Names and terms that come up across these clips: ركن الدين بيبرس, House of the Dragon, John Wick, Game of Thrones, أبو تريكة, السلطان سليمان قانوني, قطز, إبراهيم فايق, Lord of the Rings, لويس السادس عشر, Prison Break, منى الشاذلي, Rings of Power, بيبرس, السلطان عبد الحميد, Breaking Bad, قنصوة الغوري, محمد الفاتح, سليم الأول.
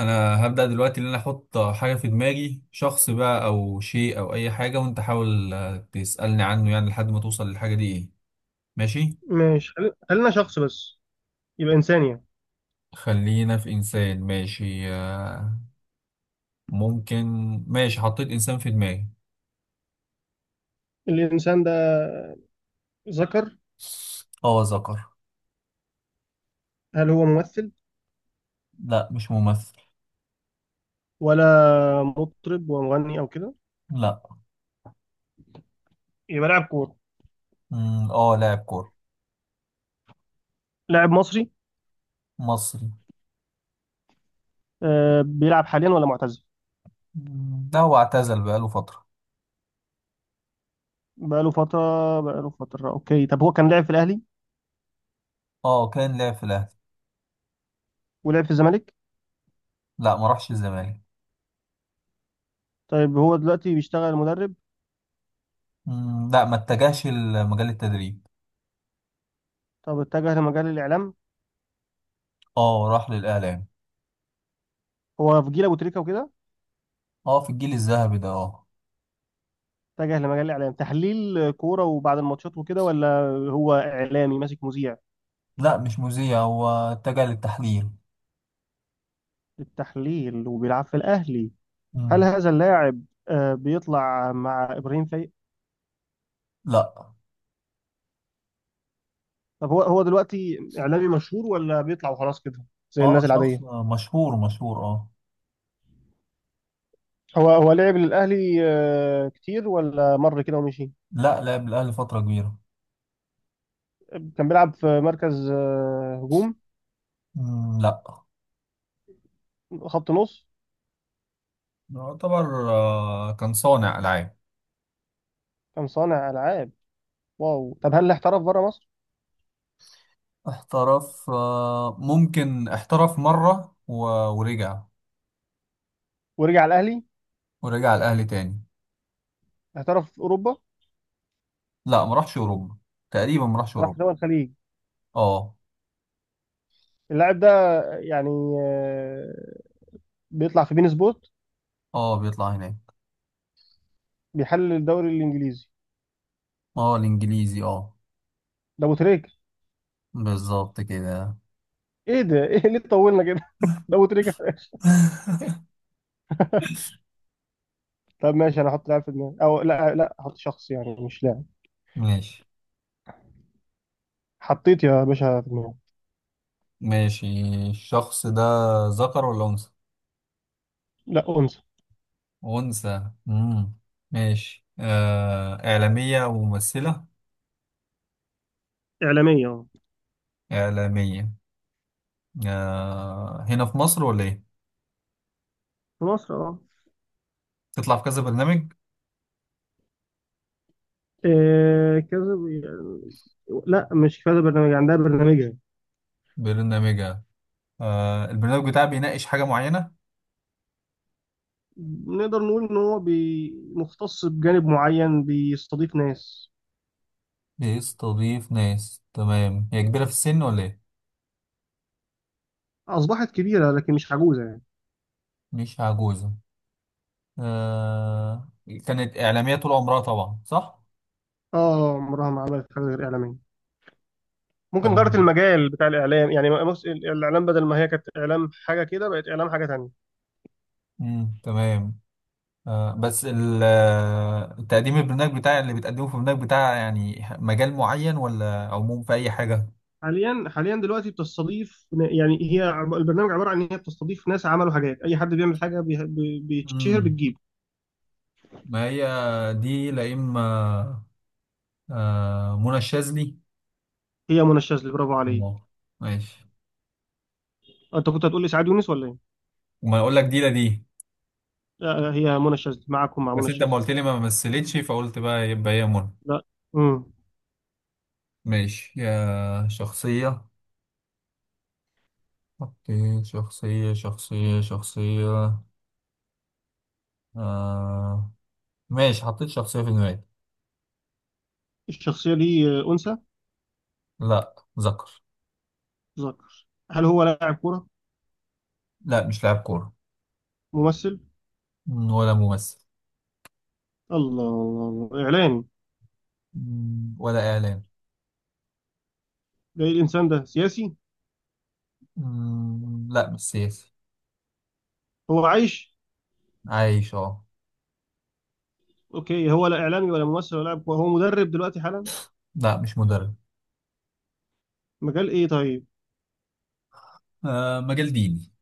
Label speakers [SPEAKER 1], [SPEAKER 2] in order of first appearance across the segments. [SPEAKER 1] انا هبدأ دلوقتي ان انا احط حاجة في دماغي شخص بقى او شيء او اي حاجة، وانت حاول تسألني عنه يعني لحد ما توصل للحاجة دي ايه. ماشي.
[SPEAKER 2] ماشي. خلينا شخص بس، يبقى إنسان يعني.
[SPEAKER 1] خلينا في انسان. ماشي. ممكن. ماشي، حطيت انسان في دماغي.
[SPEAKER 2] الإنسان ده ذكر،
[SPEAKER 1] اه ذكر.
[SPEAKER 2] هل هو ممثل
[SPEAKER 1] لا مش ممثل.
[SPEAKER 2] ولا مطرب ومغني أو كده؟
[SPEAKER 1] لا.
[SPEAKER 2] يبقى لاعب كورة.
[SPEAKER 1] اه لاعب كورة.
[SPEAKER 2] لاعب مصري.
[SPEAKER 1] مصري.
[SPEAKER 2] بيلعب حاليا ولا معتزل؟
[SPEAKER 1] لا هو اعتزل بقاله فترة.
[SPEAKER 2] بقاله فترة؟ بقاله فترة. أوكي، طب هو كان لاعب في الأهلي
[SPEAKER 1] اه كان لاعب في الاهلي.
[SPEAKER 2] ولعب في الزمالك؟
[SPEAKER 1] لا ما راحش الزمالك.
[SPEAKER 2] طيب هو دلوقتي بيشتغل مدرب؟
[SPEAKER 1] لا ما اتجهش لمجال التدريب.
[SPEAKER 2] طب اتجه لمجال الإعلام؟
[SPEAKER 1] اه راح للاعلام.
[SPEAKER 2] هو في جيل أبو تريكة وكده؟
[SPEAKER 1] اه في الجيل الذهبي ده اه.
[SPEAKER 2] اتجه لمجال الإعلام، تحليل كورة وبعد الماتشات وكده، ولا هو إعلامي ماسك مذيع؟
[SPEAKER 1] لا مش مذيع، هو اتجه للتحليل.
[SPEAKER 2] التحليل وبيلعب في الأهلي. هل
[SPEAKER 1] مم.
[SPEAKER 2] هذا اللاعب بيطلع مع ابراهيم فايق؟
[SPEAKER 1] لا.
[SPEAKER 2] طب هو دلوقتي اعلامي مشهور ولا بيطلع وخلاص كده، زي
[SPEAKER 1] اه
[SPEAKER 2] الناس
[SPEAKER 1] شخص
[SPEAKER 2] العاديه؟
[SPEAKER 1] مشهور اه.
[SPEAKER 2] هو لعب للاهلي كتير ولا مر كده ومشي؟
[SPEAKER 1] لا لعب الأهلي فترة كبيرة.
[SPEAKER 2] كان بيلعب في مركز هجوم؟
[SPEAKER 1] مم. لا.
[SPEAKER 2] خط نص؟
[SPEAKER 1] يعتبر كان صانع ألعاب.
[SPEAKER 2] كان صانع العاب. واو. طب هل احترف بره مصر؟
[SPEAKER 1] احترف آه ممكن احترف مرة ورجع.
[SPEAKER 2] ورجع الاهلي.
[SPEAKER 1] ورجع الأهلي تاني.
[SPEAKER 2] احترف في اوروبا؟
[SPEAKER 1] لا ما راحش أوروبا. تقريبا ما راحش
[SPEAKER 2] راح
[SPEAKER 1] أوروبا.
[SPEAKER 2] دول الخليج؟
[SPEAKER 1] اه.
[SPEAKER 2] اللاعب ده يعني آه، بيطلع في بين سبوت؟
[SPEAKER 1] اه بيطلع هناك.
[SPEAKER 2] بيحلل الدوري الانجليزي؟
[SPEAKER 1] اه الإنجليزي اه.
[SPEAKER 2] ده ابو تريكه.
[SPEAKER 1] بالظبط كده.
[SPEAKER 2] ايه ده، ايه ليه طولنا كده؟ ده ابو تريكه في الاخر. طب ماشي، انا هحط لاعب في دماغي او لا، هحط شخص يعني مش لاعب.
[SPEAKER 1] ماشي.
[SPEAKER 2] حطيت يا باشا في دماغي.
[SPEAKER 1] ماشي. الشخص ده ذكر ولا أنثى؟
[SPEAKER 2] لا، انثى.
[SPEAKER 1] أنثى. مم. ماشي، إعلامية وممثلة.
[SPEAKER 2] اعلاميه، اه.
[SPEAKER 1] إعلامية. آه هنا في مصر ولا إيه؟
[SPEAKER 2] في مصر، اه.
[SPEAKER 1] تطلع في كذا برنامج؟
[SPEAKER 2] إيه كذا بي- لا مش كذا برنامج، عندها برنامجها.
[SPEAKER 1] برنامجها. آه، البرنامج بتاعها بيناقش حاجة معينة؟
[SPEAKER 2] نقدر نقول ان هو مختص بجانب معين، بيستضيف ناس.
[SPEAKER 1] بيستضيف ناس. تمام، هي كبيرة في السن ولا إيه؟
[SPEAKER 2] اصبحت كبيره لكن مش عجوزه يعني.
[SPEAKER 1] مش عجوزة. آه. كانت إعلامية طول عمرها طبعا، صح؟
[SPEAKER 2] اه، عمرها ما عملت حاجه غير اعلاميه. ممكن غيرت
[SPEAKER 1] تمام.
[SPEAKER 2] المجال بتاع الاعلام يعني، بص، الاعلام بدل ما هي كانت اعلام حاجه كده بقت اعلام حاجه تانية.
[SPEAKER 1] مم. تمام. آه، بس ال- آه، التقديم البرنامج بتاع اللي بتقدمه في البرنامج بتاع يعني مجال معين ولا عموم في أي حاجة؟
[SPEAKER 2] حاليا، حاليا دلوقتي بتستضيف يعني، البرنامج عباره عن ان هي بتستضيف ناس عملوا حاجات، اي حد بيعمل حاجه بيتشهر
[SPEAKER 1] امم.
[SPEAKER 2] بتجيب.
[SPEAKER 1] ما هي دي لا إما منى الشاذلي.
[SPEAKER 2] هي منى الشاذلي، برافو عليك.
[SPEAKER 1] الله. ماشي.
[SPEAKER 2] انت كنت هتقول لي سعاد يونس ولا ايه؟
[SPEAKER 1] وما أقول لك دي لا دي.
[SPEAKER 2] لا هي منى الشاذلي، معاكم مع منى
[SPEAKER 1] بس أنت ما
[SPEAKER 2] الشاذلي.
[SPEAKER 1] قلت لي ما مثلتش فقلت بقى يبقى هي منى.
[SPEAKER 2] لا. امم.
[SPEAKER 1] ماشي يا شخصية. حطيت شخصية. آه. ماشي، حطيت شخصية في دماغي.
[SPEAKER 2] الشخصيه دي انثى؟
[SPEAKER 1] لا ذكر.
[SPEAKER 2] ذكر، هل هو لاعب كوره؟
[SPEAKER 1] لا مش لاعب كورة.
[SPEAKER 2] ممثل؟
[SPEAKER 1] ولا ممثل.
[SPEAKER 2] الله الله الله، اعلامي؟
[SPEAKER 1] ولا إعلام.
[SPEAKER 2] ده ايه الانسان ده، سياسي؟
[SPEAKER 1] لا مش سياسي.
[SPEAKER 2] هو عايش؟
[SPEAKER 1] عايش اه.
[SPEAKER 2] اوكي، هو لا اعلامي ولا ممثل ولا لاعب كوره، هو مدرب دلوقتي حالا؟
[SPEAKER 1] لا مش مدرب.
[SPEAKER 2] مجال ايه طيب؟
[SPEAKER 1] آه مجال ديني.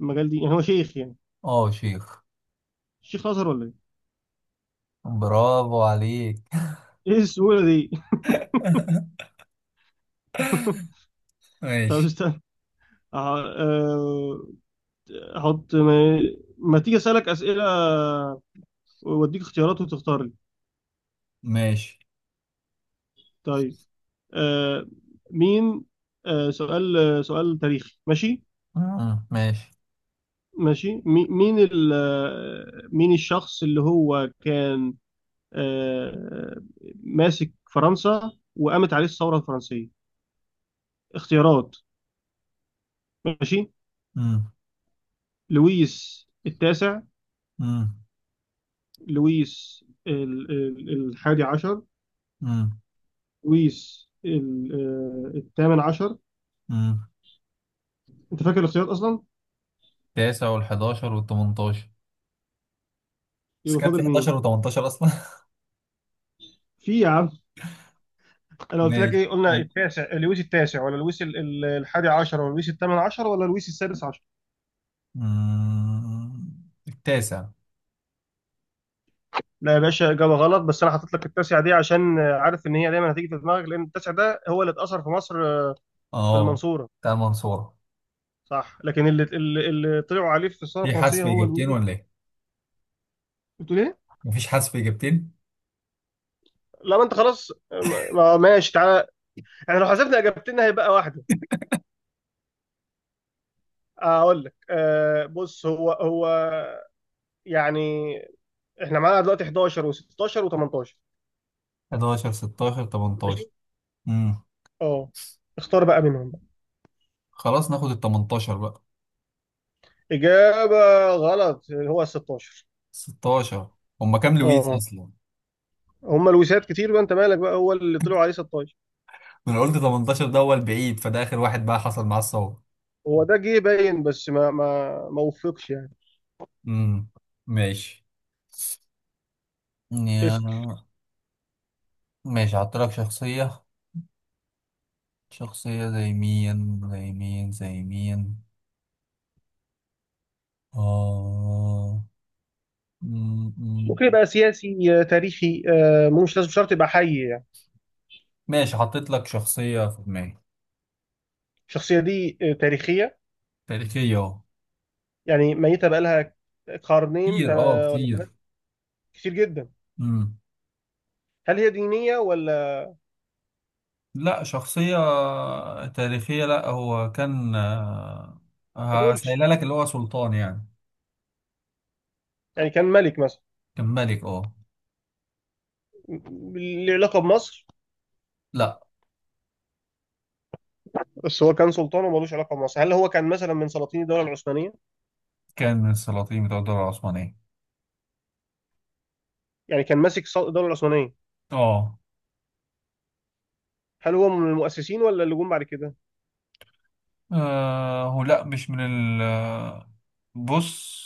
[SPEAKER 2] المجال دي يعني، هو شيخ يعني؟
[SPEAKER 1] اه شيخ.
[SPEAKER 2] شيخ ازهر ولا ايه؟
[SPEAKER 1] برافو عليك.
[SPEAKER 2] ايه السهوله دي! طب
[SPEAKER 1] ماشي.
[SPEAKER 2] استنى. أه، احط ما تيجي اسالك اسئله واديك اختيارات وتختار لي.
[SPEAKER 1] ماشي.
[SPEAKER 2] طيب. أه، مين. سؤال، سؤال تاريخي، ماشي؟
[SPEAKER 1] مم، ماشي.
[SPEAKER 2] ماشي. مين الشخص اللي هو كان أه، ماسك فرنسا وقامت عليه الثوره الفرنسيه؟ اختيارات، ماشي.
[SPEAKER 1] مم،
[SPEAKER 2] لويس التاسع،
[SPEAKER 1] مم،
[SPEAKER 2] لويس الحادي عشر،
[SPEAKER 1] مم،
[SPEAKER 2] لويس الثامن عشر.
[SPEAKER 1] مم.
[SPEAKER 2] انت فاكر الاختيارات اصلا؟
[SPEAKER 1] تاسع والحداشر والتمنتاشر. بس
[SPEAKER 2] يبقى
[SPEAKER 1] كان في
[SPEAKER 2] فاضل
[SPEAKER 1] حداشر
[SPEAKER 2] مين؟
[SPEAKER 1] وتمنتاشر أصلا.
[SPEAKER 2] في يا عم. انا قلت لك
[SPEAKER 1] ماشي.
[SPEAKER 2] ايه؟ قلنا التاسع، لويس التاسع ولا لويس الحادي عشر ولا لويس الثامن عشر ولا لويس السادس عشر.
[SPEAKER 1] مم، التاسع.
[SPEAKER 2] لا يا باشا، اجابه غلط. بس انا حطيت لك التاسع دي عشان عارف ان هي دايما هتيجي في دماغك، لان التاسع ده هو اللي اتاثر في مصر في
[SPEAKER 1] اه
[SPEAKER 2] المنصوره،
[SPEAKER 1] بتاع المنصورة.
[SPEAKER 2] صح؟ لكن اللي طلعوا عليه في الثوره
[SPEAKER 1] في
[SPEAKER 2] الفرنسيه
[SPEAKER 1] حذف
[SPEAKER 2] هو
[SPEAKER 1] إجابتين ولا
[SPEAKER 2] لويس.
[SPEAKER 1] إيه؟
[SPEAKER 2] قلت ليه؟
[SPEAKER 1] مفيش حذف إجابتين.
[SPEAKER 2] لا ما انت خلاص، ماشي تعالى، احنا لو حسبنا اجابتنا هيبقى واحده. اقول لك آه، بص، هو يعني. احنا معانا دلوقتي 11 و16 و18،
[SPEAKER 1] 11 16
[SPEAKER 2] ماشي؟
[SPEAKER 1] 18.
[SPEAKER 2] اه، اختار بقى منهم بقى.
[SPEAKER 1] خلاص ناخد ال 18 بقى.
[SPEAKER 2] اجابه غلط، هو ال 16.
[SPEAKER 1] 16. هما كام لويس
[SPEAKER 2] اه،
[SPEAKER 1] اصلا؟
[SPEAKER 2] هما الوسات كتير بقى، انت مالك بقى، هو اللي طلعوا عليه 16.
[SPEAKER 1] انا قلت 18 ده هو البعيد، فده اخر واحد بقى حصل معاه الصواب.
[SPEAKER 2] هو ده جه باين بس ما وفقش يعني.
[SPEAKER 1] امم. ماشي.
[SPEAKER 2] اسال.
[SPEAKER 1] يا- ماشي، هحط لك شخصية. شخصية، زي مين. آه... م-
[SPEAKER 2] ممكن
[SPEAKER 1] م-
[SPEAKER 2] يبقى سياسي، تاريخي، آه، مو مش لازم شرط يبقى حي يعني.
[SPEAKER 1] ماشي، حطيت لك شخصية في دماغي.
[SPEAKER 2] الشخصيه دي تاريخيه
[SPEAKER 1] تاريخية اه.
[SPEAKER 2] يعني؟ ميته بقى لها قرنين
[SPEAKER 1] كتير اه
[SPEAKER 2] ولا ثلاثه؟
[SPEAKER 1] كتير.
[SPEAKER 2] كتير جدا؟
[SPEAKER 1] مم.
[SPEAKER 2] هل هي دينيه ولا؟
[SPEAKER 1] لا شخصية تاريخية. لا هو كان
[SPEAKER 2] ما تقولش.
[SPEAKER 1] هسألها لك، اللي هو سلطان يعني.
[SPEAKER 2] يعني كان ملك مثلا؟
[SPEAKER 1] كان ملك اه.
[SPEAKER 2] ليه علاقه بمصر؟
[SPEAKER 1] لا.
[SPEAKER 2] بس هو كان سلطان ومالوش علاقه بمصر، هل هو كان مثلا من سلاطين الدوله العثمانيه؟
[SPEAKER 1] كان من السلاطين بتوع الدولة العثمانية.
[SPEAKER 2] يعني كان ماسك الدوله العثمانيه؟
[SPEAKER 1] اه.
[SPEAKER 2] هل هو من المؤسسين ولا اللي جم بعد كده؟
[SPEAKER 1] آه، هو لا مش من ال آه، بص،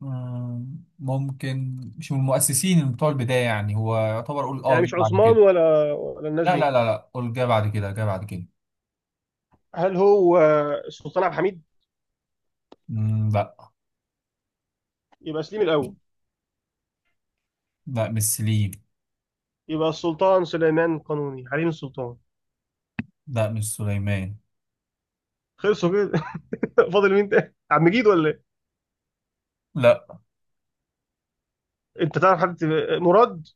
[SPEAKER 1] ممكن مش من المؤسسين بتوع البداية، يعني هو يعتبر قول اه
[SPEAKER 2] يعني
[SPEAKER 1] جه
[SPEAKER 2] مش
[SPEAKER 1] بعد
[SPEAKER 2] عثمان
[SPEAKER 1] كده.
[SPEAKER 2] ولا الناس
[SPEAKER 1] لا لا
[SPEAKER 2] دي؟
[SPEAKER 1] لا لا قول جه بعد كده، جه بعد كده.
[SPEAKER 2] هل هو السلطان عبد الحميد؟
[SPEAKER 1] لا.
[SPEAKER 2] يبقى سليم الاول؟
[SPEAKER 1] لا مش سليم.
[SPEAKER 2] يبقى السلطان سليمان قانوني حليم السلطان؟
[SPEAKER 1] لا مش سليمان.
[SPEAKER 2] خلصوا كده. فاضل مين تاني، عم مجيد ولا ايه؟
[SPEAKER 1] لا
[SPEAKER 2] انت تعرف حد مراد؟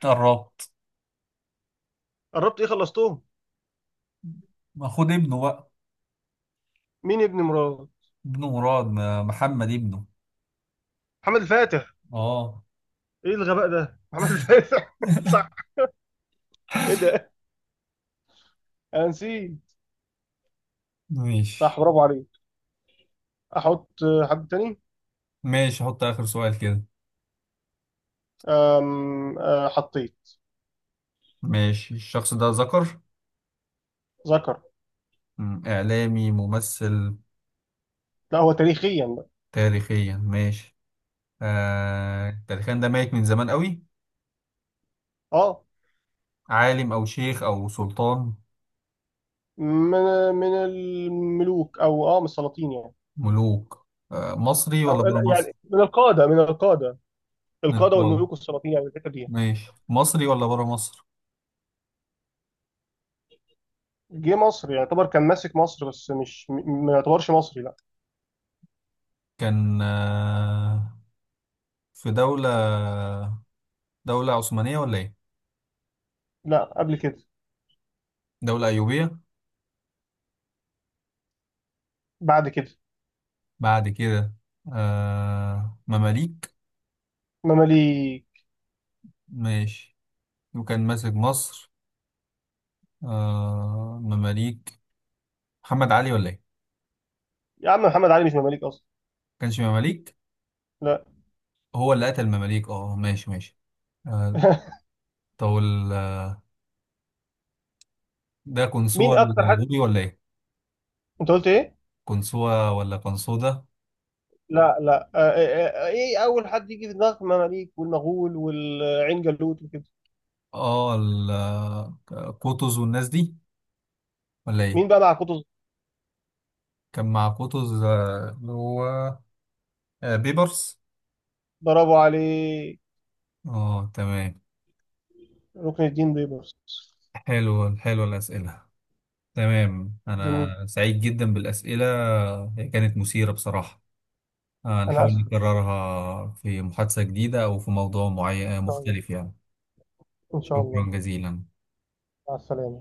[SPEAKER 1] قربت.
[SPEAKER 2] قربت ايه، خلصتهم.
[SPEAKER 1] ما خد ابنه بقى.
[SPEAKER 2] مين ابن مراد؟
[SPEAKER 1] ابنه مراد، محمد ابنه.
[SPEAKER 2] محمد الفاتح؟
[SPEAKER 1] اه.
[SPEAKER 2] ايه الغباء ده، محمد الفاتح! صح. ايه ده، انا نسيت.
[SPEAKER 1] ماشي.
[SPEAKER 2] صح، برافو عليك. احط حد تاني.
[SPEAKER 1] ماشي، حط آخر سؤال كده.
[SPEAKER 2] أم، آه، حطيت.
[SPEAKER 1] ماشي، الشخص ده ذكر.
[SPEAKER 2] ذكر.
[SPEAKER 1] إعلامي ممثل.
[SPEAKER 2] لا هو تاريخيا بقى.
[SPEAKER 1] تاريخيا، ماشي. آه تاريخيا، ده ميت من زمان قوي.
[SPEAKER 2] اه.
[SPEAKER 1] عالم أو شيخ أو سلطان.
[SPEAKER 2] من، من الملوك او اه من السلاطين يعني.
[SPEAKER 1] ملوك آه، مصري ولا
[SPEAKER 2] او
[SPEAKER 1] برا مصر؟
[SPEAKER 2] يعني من القاده، القاده
[SPEAKER 1] نقول.
[SPEAKER 2] والملوك والسلاطين يعني، الحته دي يعني.
[SPEAKER 1] ماشي، مصري ولا برا مصر؟
[SPEAKER 2] جه مصر يعني، يعتبر كان ماسك مصر بس مش م- ما يعتبرش مصري، لا.
[SPEAKER 1] كان آه في دولة. دولة عثمانية ولا إيه؟
[SPEAKER 2] لا قبل كده.
[SPEAKER 1] دولة أيوبية.
[SPEAKER 2] بعد كده.
[SPEAKER 1] بعد كده. آه مماليك.
[SPEAKER 2] مماليك.
[SPEAKER 1] ماشي. وكان ماسك مصر. آه مماليك. محمد علي ولا ايه؟
[SPEAKER 2] يا عم محمد علي مش مماليك اصلا.
[SPEAKER 1] كانش مماليك.
[SPEAKER 2] لا.
[SPEAKER 1] هو اللي قتل المماليك. اه ماشي ماشي. آه. طب وال- ده
[SPEAKER 2] مين
[SPEAKER 1] قنصوة
[SPEAKER 2] اكتر حد،
[SPEAKER 1] الغوري ولا ايه؟
[SPEAKER 2] انت قلت ايه؟
[SPEAKER 1] قنصوة ولا قنصوة.
[SPEAKER 2] لا لا، ايه اول حد يجي في دماغك، مماليك والمغول والعين جالوت وكده.
[SPEAKER 1] اه ال- آه، قطز والناس دي ولا ايه؟
[SPEAKER 2] مين بقى مع قطز؟
[SPEAKER 1] كان مع قطز آه، اللي هو آه بيبرس.
[SPEAKER 2] برافو عليه.
[SPEAKER 1] اه تمام.
[SPEAKER 2] ركن الدين بيبرس.
[SPEAKER 1] حلو، حلو الأسئلة. تمام، أنا
[SPEAKER 2] جميل.
[SPEAKER 1] سعيد جدا بالأسئلة. هي كانت مثيرة بصراحة.
[SPEAKER 2] أنا
[SPEAKER 1] هنحاول
[SPEAKER 2] آسف.
[SPEAKER 1] نكررها في محادثة جديدة أو في موضوع
[SPEAKER 2] إن
[SPEAKER 1] معين
[SPEAKER 2] شاء الله،
[SPEAKER 1] مختلف يعني.
[SPEAKER 2] إن شاء الله.
[SPEAKER 1] شكرا جزيلا.
[SPEAKER 2] مع السلامة.